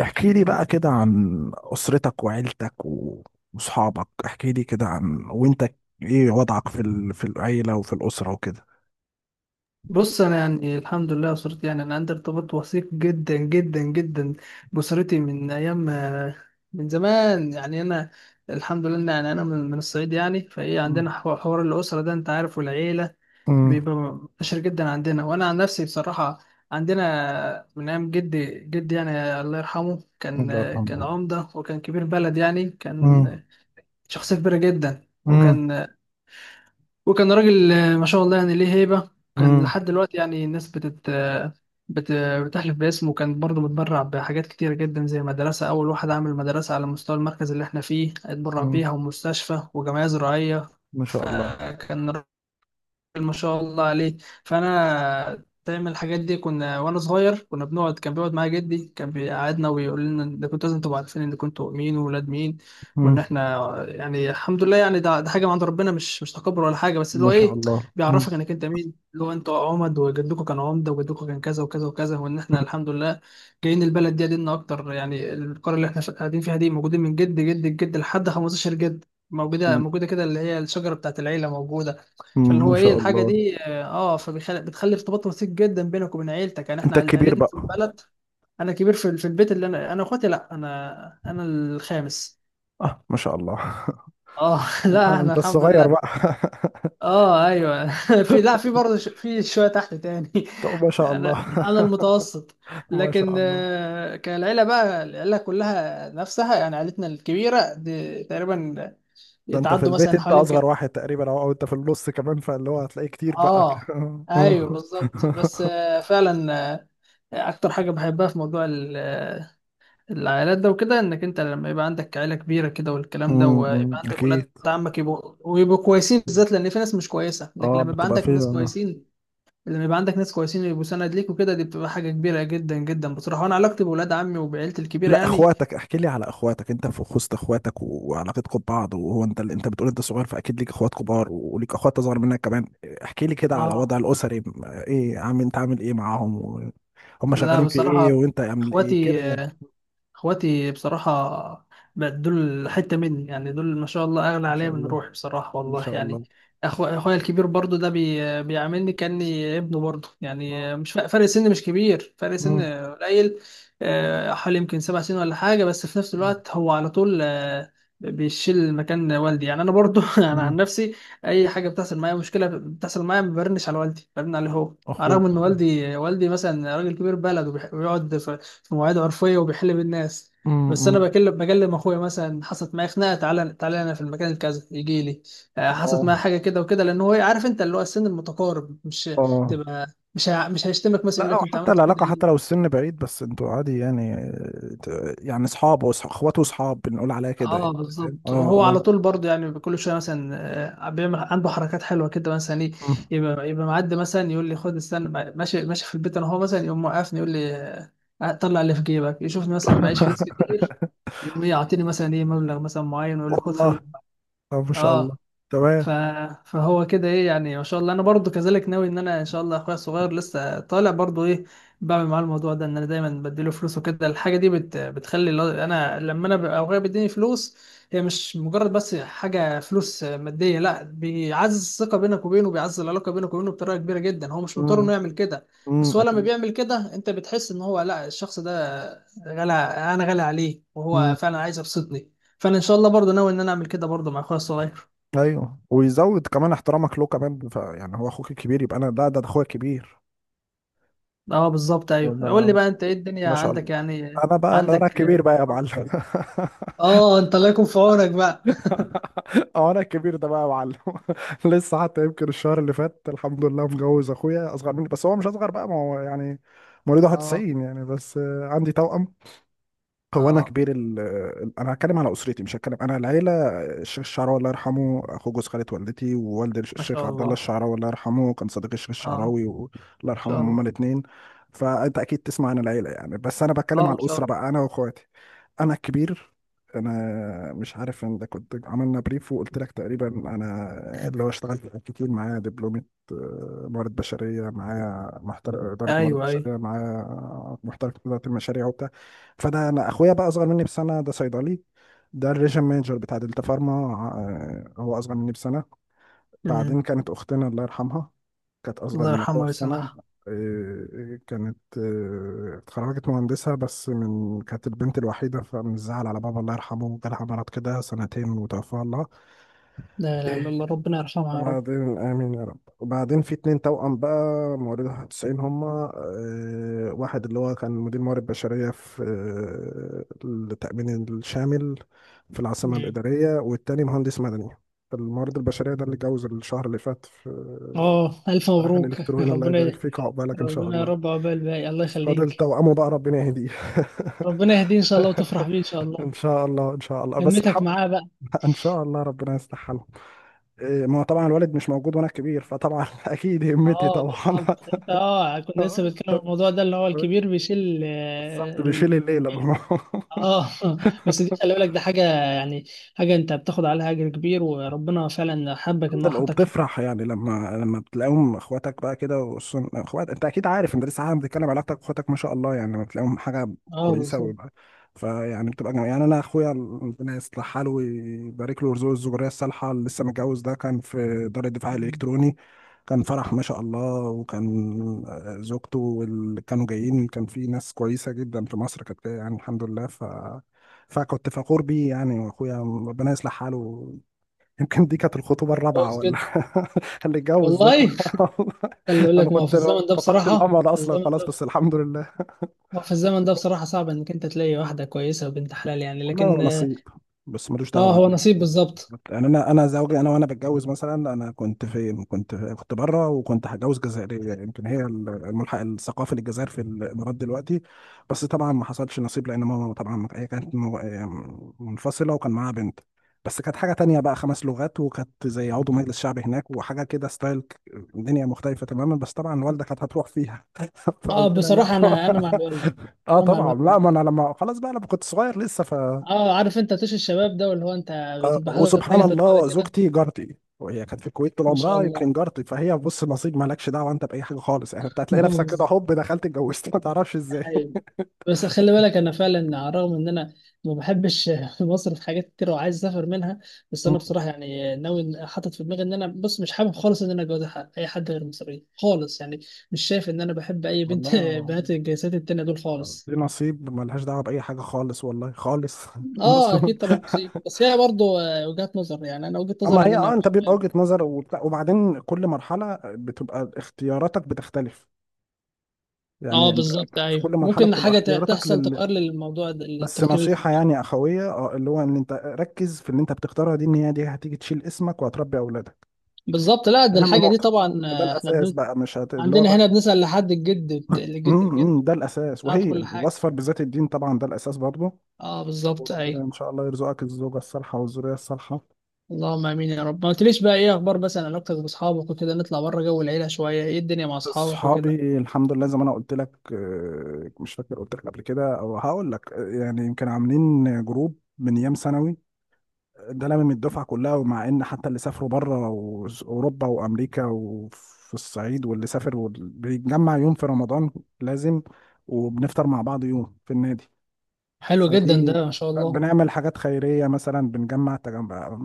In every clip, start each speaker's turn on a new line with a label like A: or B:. A: احكي لي بقى كده عن أسرتك وعيلتك وصحابك. احكي لي كده عن وانت ايه وضعك في العيلة وفي الأسرة وكده.
B: بص، انا يعني الحمد لله اسرتي يعني انا عندي ارتباط وثيق جدا جدا جدا باسرتي من ايام ما- من زمان يعني انا الحمد لله إن يعني انا من الصعيد يعني فايه
A: مم.
B: عندنا حوار الاسره ده انت عارف والعيله
A: مم.
B: بيبقى منتشر جدا عندنا. وانا عن نفسي بصراحه عندنا من ايام جدي جدي يعني الله يرحمه،
A: الله
B: كان
A: يرحمه.
B: عمده وكان كبير بلد يعني
A: مم.
B: كان شخصيه كبيره جدا
A: مم.
B: وكان راجل ما شاء الله يعني ليه هيبة. كان
A: مم.
B: لحد دلوقتي يعني الناس بت... بتحلف باسمه، وكان برضه متبرع بحاجات كتيرة جدا زي مدرسة، أول واحد عمل مدرسة على مستوى المركز اللي احنا فيه، اتبرع
A: مم.
B: بيها ومستشفى وجمعية زراعية.
A: ما شاء الله.
B: فكان ما شاء الله عليه. فانا دايما الحاجات دي كنا وانا صغير كنا بنقعد، كان بيقعد معايا جدي كان بيقعدنا ويقول لنا ده كنتوا لازم تبقوا عارفين ان كنتوا مين وولاد مين، وان
A: مم.
B: احنا يعني الحمد لله يعني ده حاجه من عند ربنا، مش تكبر ولا حاجه بس اللي
A: ما
B: هو
A: شاء
B: ايه
A: الله. مم.
B: بيعرفك انك انت مين، اللي هو انتوا عمد وجدكم كان عمده وجدكم كان كذا وكذا وكذا، وان احنا الحمد لله جايين البلد دي قديمنا اكتر. يعني القريه اللي احنا قاعدين فيها دي موجودين من جد جد جد لحد 15 جد، موجوده موجوده كده اللي هي الشجره بتاعت العيله موجوده.
A: مم.
B: فاللي
A: ما
B: هو ايه
A: شاء
B: الحاجه
A: الله.
B: دي، اه، فبتخلي ارتباط وثيق جدا بينك وبين عيلتك. يعني احنا
A: انت الكبير
B: عيلتنا في
A: بقى؟
B: البلد. انا كبير في البيت، اللي انا انا اخواتي لا انا انا الخامس.
A: اه ما شاء الله
B: اه لا
A: آه،
B: احنا
A: انت
B: الحمد
A: الصغير
B: لله.
A: بقى
B: اه ايوه. في، لا، في برضه في شويه تحت تاني.
A: طب ما شاء
B: انا
A: الله
B: المتوسط.
A: ما
B: لكن
A: شاء الله.
B: كالعيله بقى، العيله كلها نفسها يعني عيلتنا الكبيره دي تقريبا
A: ده انت في
B: يتعدوا
A: البيت
B: مثلا
A: انت
B: حوالي يمكن.
A: اصغر واحد تقريبا او انت في النص كمان، فاللي هو هتلاقيه كتير بقى
B: اه ايوه بالظبط. بس فعلا اكتر حاجه بحبها في موضوع العائلات ده وكده، انك انت لما يبقى عندك عيله كبيره كده والكلام ده،
A: أمم، أمم،
B: ويبقى عندك ولاد
A: اكيد.
B: عمك يبقوا ويبقوا كويسين، بالذات لان في ناس مش كويسه، لكن
A: اه بتبقى فيه.
B: لما يبقى عندك ناس كويسين ويبقوا سند ليك وكده، دي بتبقى حاجه كبيره جدا جدا بصراحه. وانا علاقتي بولاد عمي وبعيلتي الكبيره
A: لا،
B: يعني.
A: اخواتك احكي لي على اخواتك، انت في خصت اخواتك وعلاقتكم ببعض. وهو انت بتقول انت صغير، فاكيد ليك اخوات كبار وليك اخوات اصغر منك كمان. احكي لي كده على
B: اه.
A: وضع الاسري ايه عامل، انت عامل ايه معاهم و- هم
B: لا
A: شغالين في ايه
B: بصراحه
A: وانت عامل ايه
B: اخواتي
A: كده يعني.
B: اخواتي بصراحة بقت دول حتة مني يعني، دول ما شاء الله اغلى
A: ما
B: عليا
A: شاء
B: من
A: الله.
B: روحي بصراحة
A: ما
B: والله
A: شاء
B: يعني.
A: الله.
B: أخو اخويا الكبير برضو ده بيعاملني كأني ابنه برضو، يعني مش فرق فرق سن مش كبير فرق سن
A: مم.
B: قليل، حوالي يمكن سبع سنين ولا حاجة، بس في نفس
A: مم.
B: الوقت هو على طول بيشيل مكان والدي يعني. انا برضو انا
A: مم.
B: عن نفسي اي حاجة بتحصل معايا، مشكلة بتحصل معايا، ما برنش على والدي، برن عليه هو، على الرغم ان
A: اخوك.
B: والدي مثلا راجل كبير بلد ويقعد في في مواعيد عرفيه وبيحل بالناس.
A: مم.
B: بس انا
A: مم.
B: بكلم اخويا مثلا، حصلت معايا خناقه، تعالى تعالى انا في المكان الكذا، يجي لي. حصلت معايا
A: اه
B: حاجه كده وكده، لان هو عارف انت اللي هو السن المتقارب مش
A: اه.
B: تبقى، مش هيشتمك مثلا يقول
A: لا، او
B: لك انت
A: حتى
B: عملت كده
A: العلاقه حتى لو
B: ليه.
A: السن بعيد بس انتوا عادي يعني آه، يعني اصحاب وص- اخوات واصحاب بنقول عليها كده
B: اه
A: يعني. فاهم اه
B: بالظبط. وهو على
A: اه.
B: طول برضه يعني كل شويه مثلا بيعمل عنده حركات حلوه كده، مثلا ايه،
A: مم.
B: يبقى معدي مثلا يقول لي خد، استنى، ماشي ماشي في البيت، انا هو مثلا يقوم موقفني يقول لي طلع اللي في جيبك، يشوفني مثلا معيش فلوس كتير، يقوم إيه يعطيني مثلا ايه مبلغ مثلا معين، ويقول لي خد
A: والله.
B: خلي.
A: طب ما شاء الله.
B: اه. ف...
A: تمام.
B: فهو كده ايه يعني، ما شاء الله. انا برضو كذلك ناوي ان انا ان شاء الله اخويا الصغير لسه طالع برضو ايه، بعمل معاه الموضوع ده ان انا دايما بديله فلوس وكده. الحاجه دي بتخلي، انا لما انا ببقى اخويا بيديني فلوس، هي مش مجرد بس حاجه فلوس ماديه، لا، بيعزز الثقه بينك وبينه، بيعزز العلاقه بينك وبينه بطريقه كبيره جدا. هو مش مضطر انه
A: مم.
B: يعمل كده، بس
A: مم.
B: هو لما
A: اكيد.
B: بيعمل كده انت بتحس ان هو، لا، الشخص ده غالي، انا غالي عليه وهو
A: مم.
B: فعلا عايز يبسطني. فانا ان شاء الله برضو ناوي ان انا اعمل كده برضو مع اخويا الصغير.
A: ايوه، ويزود كمان احترامك له كمان، يعني هو اخوك الكبير، يبقى انا ده ده اخويا الكبير.
B: اه بالظبط ايوه. قول
A: وأنا-
B: لي بقى انت ايه الدنيا
A: ما شاء الله.
B: عندك يعني.
A: انا بقى انا
B: عندك.
A: الكبير بقى يا معلم
B: اه، انت الله يكون في عونك بقى.
A: اه انا الكبير ده بقى يا معلم. لسه حتى يمكن الشهر اللي فات الحمد لله مجوز اخويا اصغر مني، بس هو مش اصغر بقى ما هو يعني مواليد
B: اه.
A: 91 يعني. بس آه، عندي توأم. هو انا
B: اه
A: كبير انا هتكلم على اسرتي مش هتكلم انا العيله. الشيخ الشعراوي الله يرحمه اخو جوز خاله والدتي، ووالد
B: ما
A: الشيخ
B: شاء
A: عبد الله
B: الله.
A: الشعراوي الله يرحمه كان صديق الشيخ
B: اه ما
A: الشعراوي و- الله
B: شاء
A: يرحمهم هما
B: الله.
A: الاثنين. فانت اكيد تسمع عن العيله يعني، بس انا بتكلم
B: اه ما
A: على
B: شاء
A: الاسره
B: الله.
A: بقى، انا واخواتي. انا الكبير. انا مش عارف ان ده كنت عملنا بريف وقلت لك تقريبا، انا اللي هو اشتغلت كتير، معايا دبلومه آه، موارد بشريه، معايا محترف اداره موارد
B: ايوه ايوه.
A: بشريه، معايا محترف اداره المشاريع. فانا اخويا بقى اصغر مني بسنه ده صيدلي، ده الريجن مانجر بتاع دلتا فارما. آه، هو اصغر مني بسنه. بعدين
B: امم.
A: كانت اختنا الله يرحمها كانت اصغر
B: الله
A: من اخويا
B: يرحمه
A: بسنه.
B: ويسامحه.
A: آه، كانت آه، اتخرجت مهندسه بس من كانت البنت الوحيده فمن الزعل على بابا الله يرحمه جالها مرض كده سنتين وتوفاها الله.
B: لا لا لا، الله ربنا يرحمها يا رب.
A: بعدين آمين يا رب. وبعدين في اتنين توأم بقى، موارد 91 هما. آه، واحد اللي هو كان مدير موارد بشرية في آه، التأمين الشامل في العاصمة
B: مم.
A: الإدارية، والتاني مهندس مدني. الموارد البشرية ده اللي اتجوز الشهر اللي فات في آه،
B: اه الف
A: الرحل
B: مبروك
A: الإلكتروني. الله
B: ربنا.
A: يبارك فيك، عقبالك إن شاء
B: ربنا يا
A: الله.
B: رب عقبال باقي، الله
A: فاضل
B: يخليك.
A: توأمه بقى، ربنا يهديه.
B: ربنا يهديه ان شاء الله وتفرح بيه ان شاء
A: إن
B: الله.
A: شاء الله إن شاء الله. بس
B: همتك
A: الحمد
B: معاه بقى.
A: لله إن شاء الله ربنا يصلح حاله. إيه، ما هو طبعا الوالد مش موجود وانا كبير فطبعا اكيد همتي
B: اه
A: طبعا
B: بالظبط، انت اه كنت لسه بتكلم
A: آه،
B: عن الموضوع ده اللي هو الكبير بيشيل
A: بالظبط، بيشيل الليلة بقى.
B: اه بس دي خلي بالك، ده حاجه يعني حاجه انت بتاخد عليها اجر كبير، وربنا فعلا حبك ان
A: الحمد
B: هو
A: لله.
B: حطك في.
A: وبتفرح يعني لما بتلاقيهم اخواتك بقى كده، وخصوصا اخوات انت اكيد عارف، انت لسه عارف بتتكلم علاقتك باخواتك ما شاء الله، يعني لما بتلاقيهم حاجه
B: اه
A: كويسه
B: بالظبط.
A: ويبقى فيعني بتبقى جميل. يعني انا اخويا ربنا يصلح حاله ويبارك له ويرزقه الذريه الصالحه، اللي لسه متجوز ده كان في دار الدفاع الالكتروني، كان فرح ما شاء الله. وكان آه، زوجته واللي كانوا جايين كان في ناس كويسه جدا في مصر كانت جاية يعني الحمد لله ف فكنت فخور بيه يعني. واخويا ربنا يصلح حاله، يمكن دي كانت الخطوبة
B: طب
A: الرابعة
B: كويس
A: ولا
B: جدا
A: اللي اتجوز ده.
B: والله. خلي
A: أنا
B: بالك، ما هو في
A: كنت
B: الزمن ده
A: فقدت
B: بصراحه
A: الأمل
B: في
A: أصلا
B: الزمن
A: خلاص
B: ده،
A: بس الحمد لله.
B: ما هو في الزمن ده بصراحه صعب انك انت تلاقي واحده كويسه وبنت حلال يعني،
A: والله هو
B: لكن.
A: نصيب، بس ملوش
B: اه
A: دعوة
B: هو نصيب بالظبط.
A: يعني. انا زوجي انا، وانا بتجوز مثلا، انا كنت في كنت بره وكنت هتجوز جزائريه، يمكن هي الملحق الثقافي للجزائر في الامارات دلوقتي. بس طبعا ما حصلش نصيب لان ماما طبعا هي كانت منفصله وكان معاها بنت. بس كانت حاجه تانية بقى، خمس لغات، وكانت زي عضو مجلس شعب هناك وحاجه كده ستايل دنيا مختلفه تماما. بس طبعا والدة كانت هتروح فيها
B: اه
A: فقلت لها لا
B: بصراحه
A: طبعا.
B: انا،
A: اه
B: انا مع
A: طبعا.
B: الوالده.
A: لا ما انا لما خلاص بقى، لما كنت صغير لسه.
B: اه عارف انت طيش الشباب ده، واللي هو انت
A: آه،
B: بتبقى حاطط
A: وسبحان
B: حاجه في دماغك
A: الله
B: كده.
A: زوجتي جارتي، وهي كانت في الكويت طول
B: ما شاء
A: عمرها،
B: الله.
A: يمكن جارتي. فهي بص نصيب مالكش دعوه انت باي حاجه خالص يعني. انت هتلاقي نفسك كده
B: بالظبط.
A: هوب دخلت اتجوزت ما تعرفش
B: ده
A: ازاي.
B: حقيقي. بس خلي بالك انا فعلا على الرغم ان انا ما بحبش مصر في حاجات كتير وعايز اسافر منها، بس انا
A: مم.
B: بصراحه يعني ناوي، حاطط في دماغي ان انا، بص، مش حابب خالص ان انا اتجوز اي حد غير مصري خالص يعني، مش شايف ان انا بحب اي بنت
A: والله.
B: بنات الجنسيات التانيه دول خالص.
A: دي نصيب ملهاش دعوه باي حاجه خالص والله خالص بص،
B: اه اكيد طبعا نصيب، بس هي برضه وجهات نظر، يعني انا وجهه
A: اما
B: نظري ان
A: هي اه
B: انا.
A: انت بيبقى وجهه نظر وبتاع، وبعدين كل مرحله بتبقى اختياراتك بتختلف
B: اه
A: يعني.
B: بالظبط
A: في كل
B: ايوه،
A: مرحله
B: ممكن
A: بتبقى
B: حاجه
A: اختياراتك
B: تحصل تغير للموضوع ده
A: بس
B: التفكير اللي فيه.
A: نصيحة يعني أخوية اه اللي هو إن أنت ركز في اللي أنت بتختارها دي، إن هي دي هتيجي تشيل اسمك وهتربي أولادك،
B: بالظبط. لا ده
A: أهم
B: الحاجه دي
A: نقطة.
B: طبعا
A: ده الأساس بقى، مش هت... اللي هو
B: عندنا
A: بقى.
B: هنا بنسال لحد الجد، الجد الجد،
A: إمم، ده الأساس،
B: نعرف
A: وهي
B: كل حاجه.
A: وأصفر بذات الدين طبعا ده الأساس برضه.
B: اه بالظبط
A: وربنا
B: ايوه.
A: إن شاء الله يرزقك الزوجة الصالحة والذرية الصالحة.
B: اللهم امين يا رب. ما قلتليش بقى ايه اخبار مثلا علاقتك باصحابك وكده، نطلع بره جو العيله شويه، ايه الدنيا مع اصحابك وكده.
A: أصحابي الحمد لله زي ما أنا قلت لك آه، مش فاكر قلت لك قبل كده أو هقول لك آه، يعني يمكن عاملين جروب من أيام ثانوي، ده لامم الدفعه كلها. ومع ان حتى اللي سافروا بره اوروبا وامريكا وفي الصعيد واللي سافر، واللي بيتجمع يوم في رمضان لازم، وبنفطر مع بعض يوم في النادي.
B: حلو جدا
A: فدي
B: ده ما شاء الله.
A: بنعمل حاجات خيريه مثلا، بنجمع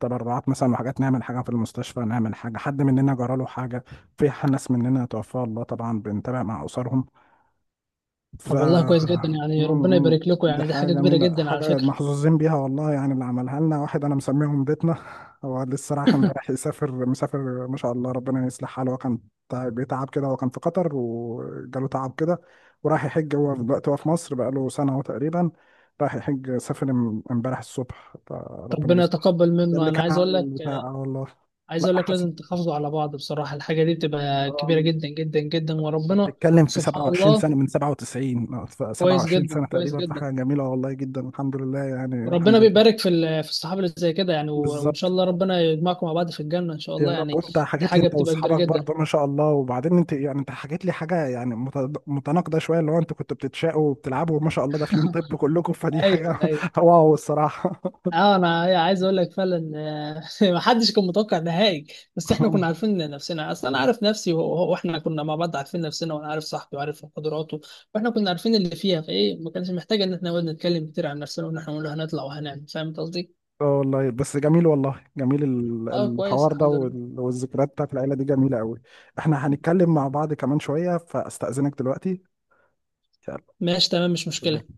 A: تبرعات مثلا، وحاجات نعمل حاجه في المستشفى، نعمل حاجه حد مننا جرى له حاجه. في ناس مننا توفاها الله طبعا بنتابع مع اسرهم. ف
B: طب والله كويس جدا،
A: م-
B: يعني ربنا
A: م.
B: يبارك لكم،
A: دي
B: يعني دي
A: حاجة
B: حاجه كبيره
A: جميلة،
B: جدا على
A: حاجة
B: فكره.
A: محظوظين بيها والله يعني. اللي عملها لنا واحد أنا مسميهم بيتنا، هو لسه رايح امبارح يسافر، مسافر ما شاء الله ربنا يصلح حاله. هو كان بيتعب كده، هو كان في قطر وجاله تعب كده وراح يحج. هو دلوقتي هو في مصر بقاله سنة أهو تقريبا، راح يحج سافر امبارح الصبح، فربنا
B: ربنا
A: يصلح.
B: يتقبل
A: ده
B: منه.
A: اللي
B: انا
A: كان عامل بتاع آه والله.
B: عايز
A: لا
B: اقول لك لازم تحافظوا على بعض بصراحه، الحاجه دي بتبقى
A: حاسس.
B: كبيره جدا جدا جدا
A: انت
B: وربنا.
A: بتتكلم في
B: سبحان
A: 27
B: الله.
A: سنة، من 97 ف
B: كويس
A: 27
B: جدا
A: سنة
B: كويس
A: تقريبا، في
B: جدا.
A: حاجة جميلة والله جدا، الحمد لله يعني
B: ربنا
A: الحمد لله.
B: بيبارك في في الصحاب اللي زي كده يعني، وان شاء
A: بالظبط.
B: الله ربنا يجمعكم مع بعض في الجنه ان شاء
A: يا
B: الله
A: رب.
B: يعني.
A: وانت
B: دي
A: حكيت لي
B: حاجه
A: انت
B: بتبقى كبيره
A: واصحابك
B: جدا.
A: برضه ما شاء الله. وبعدين انت يعني انت حكيت لي حاجة يعني متناقضة شوية اللي هو انتوا كنتوا بتتشاقوا وبتلعبوا وما شاء الله داخلين طب كلكم، فدي حاجة.
B: ايوه ايوه.
A: واو الصراحة.
B: اه انا عايز اقول لك فعلا ما حدش كان متوقع نهائي، بس احنا كنا عارفين نفسنا اصلا. انا عارف نفسي واحنا كنا مع بعض عارفين نفسنا، وانا عارف صاحبي وعارف قدراته، واحنا كنا عارفين اللي فيها فايه، ما كانش محتاج ان احنا نقعد نتكلم كتير عن نفسنا وان احنا نقول هنطلع وهنعمل. فاهم قصدي؟
A: اه والله بس جميل، والله جميل
B: اه كويس
A: الحوار ده
B: الحمد لله.
A: وال- والذكريات بتاعت العيلة دي جميلة قوي. احنا هنتكلم مع بعض كمان شوية فاستأذنك دلوقتي. يلا.
B: ماشي تمام مش مشكلة.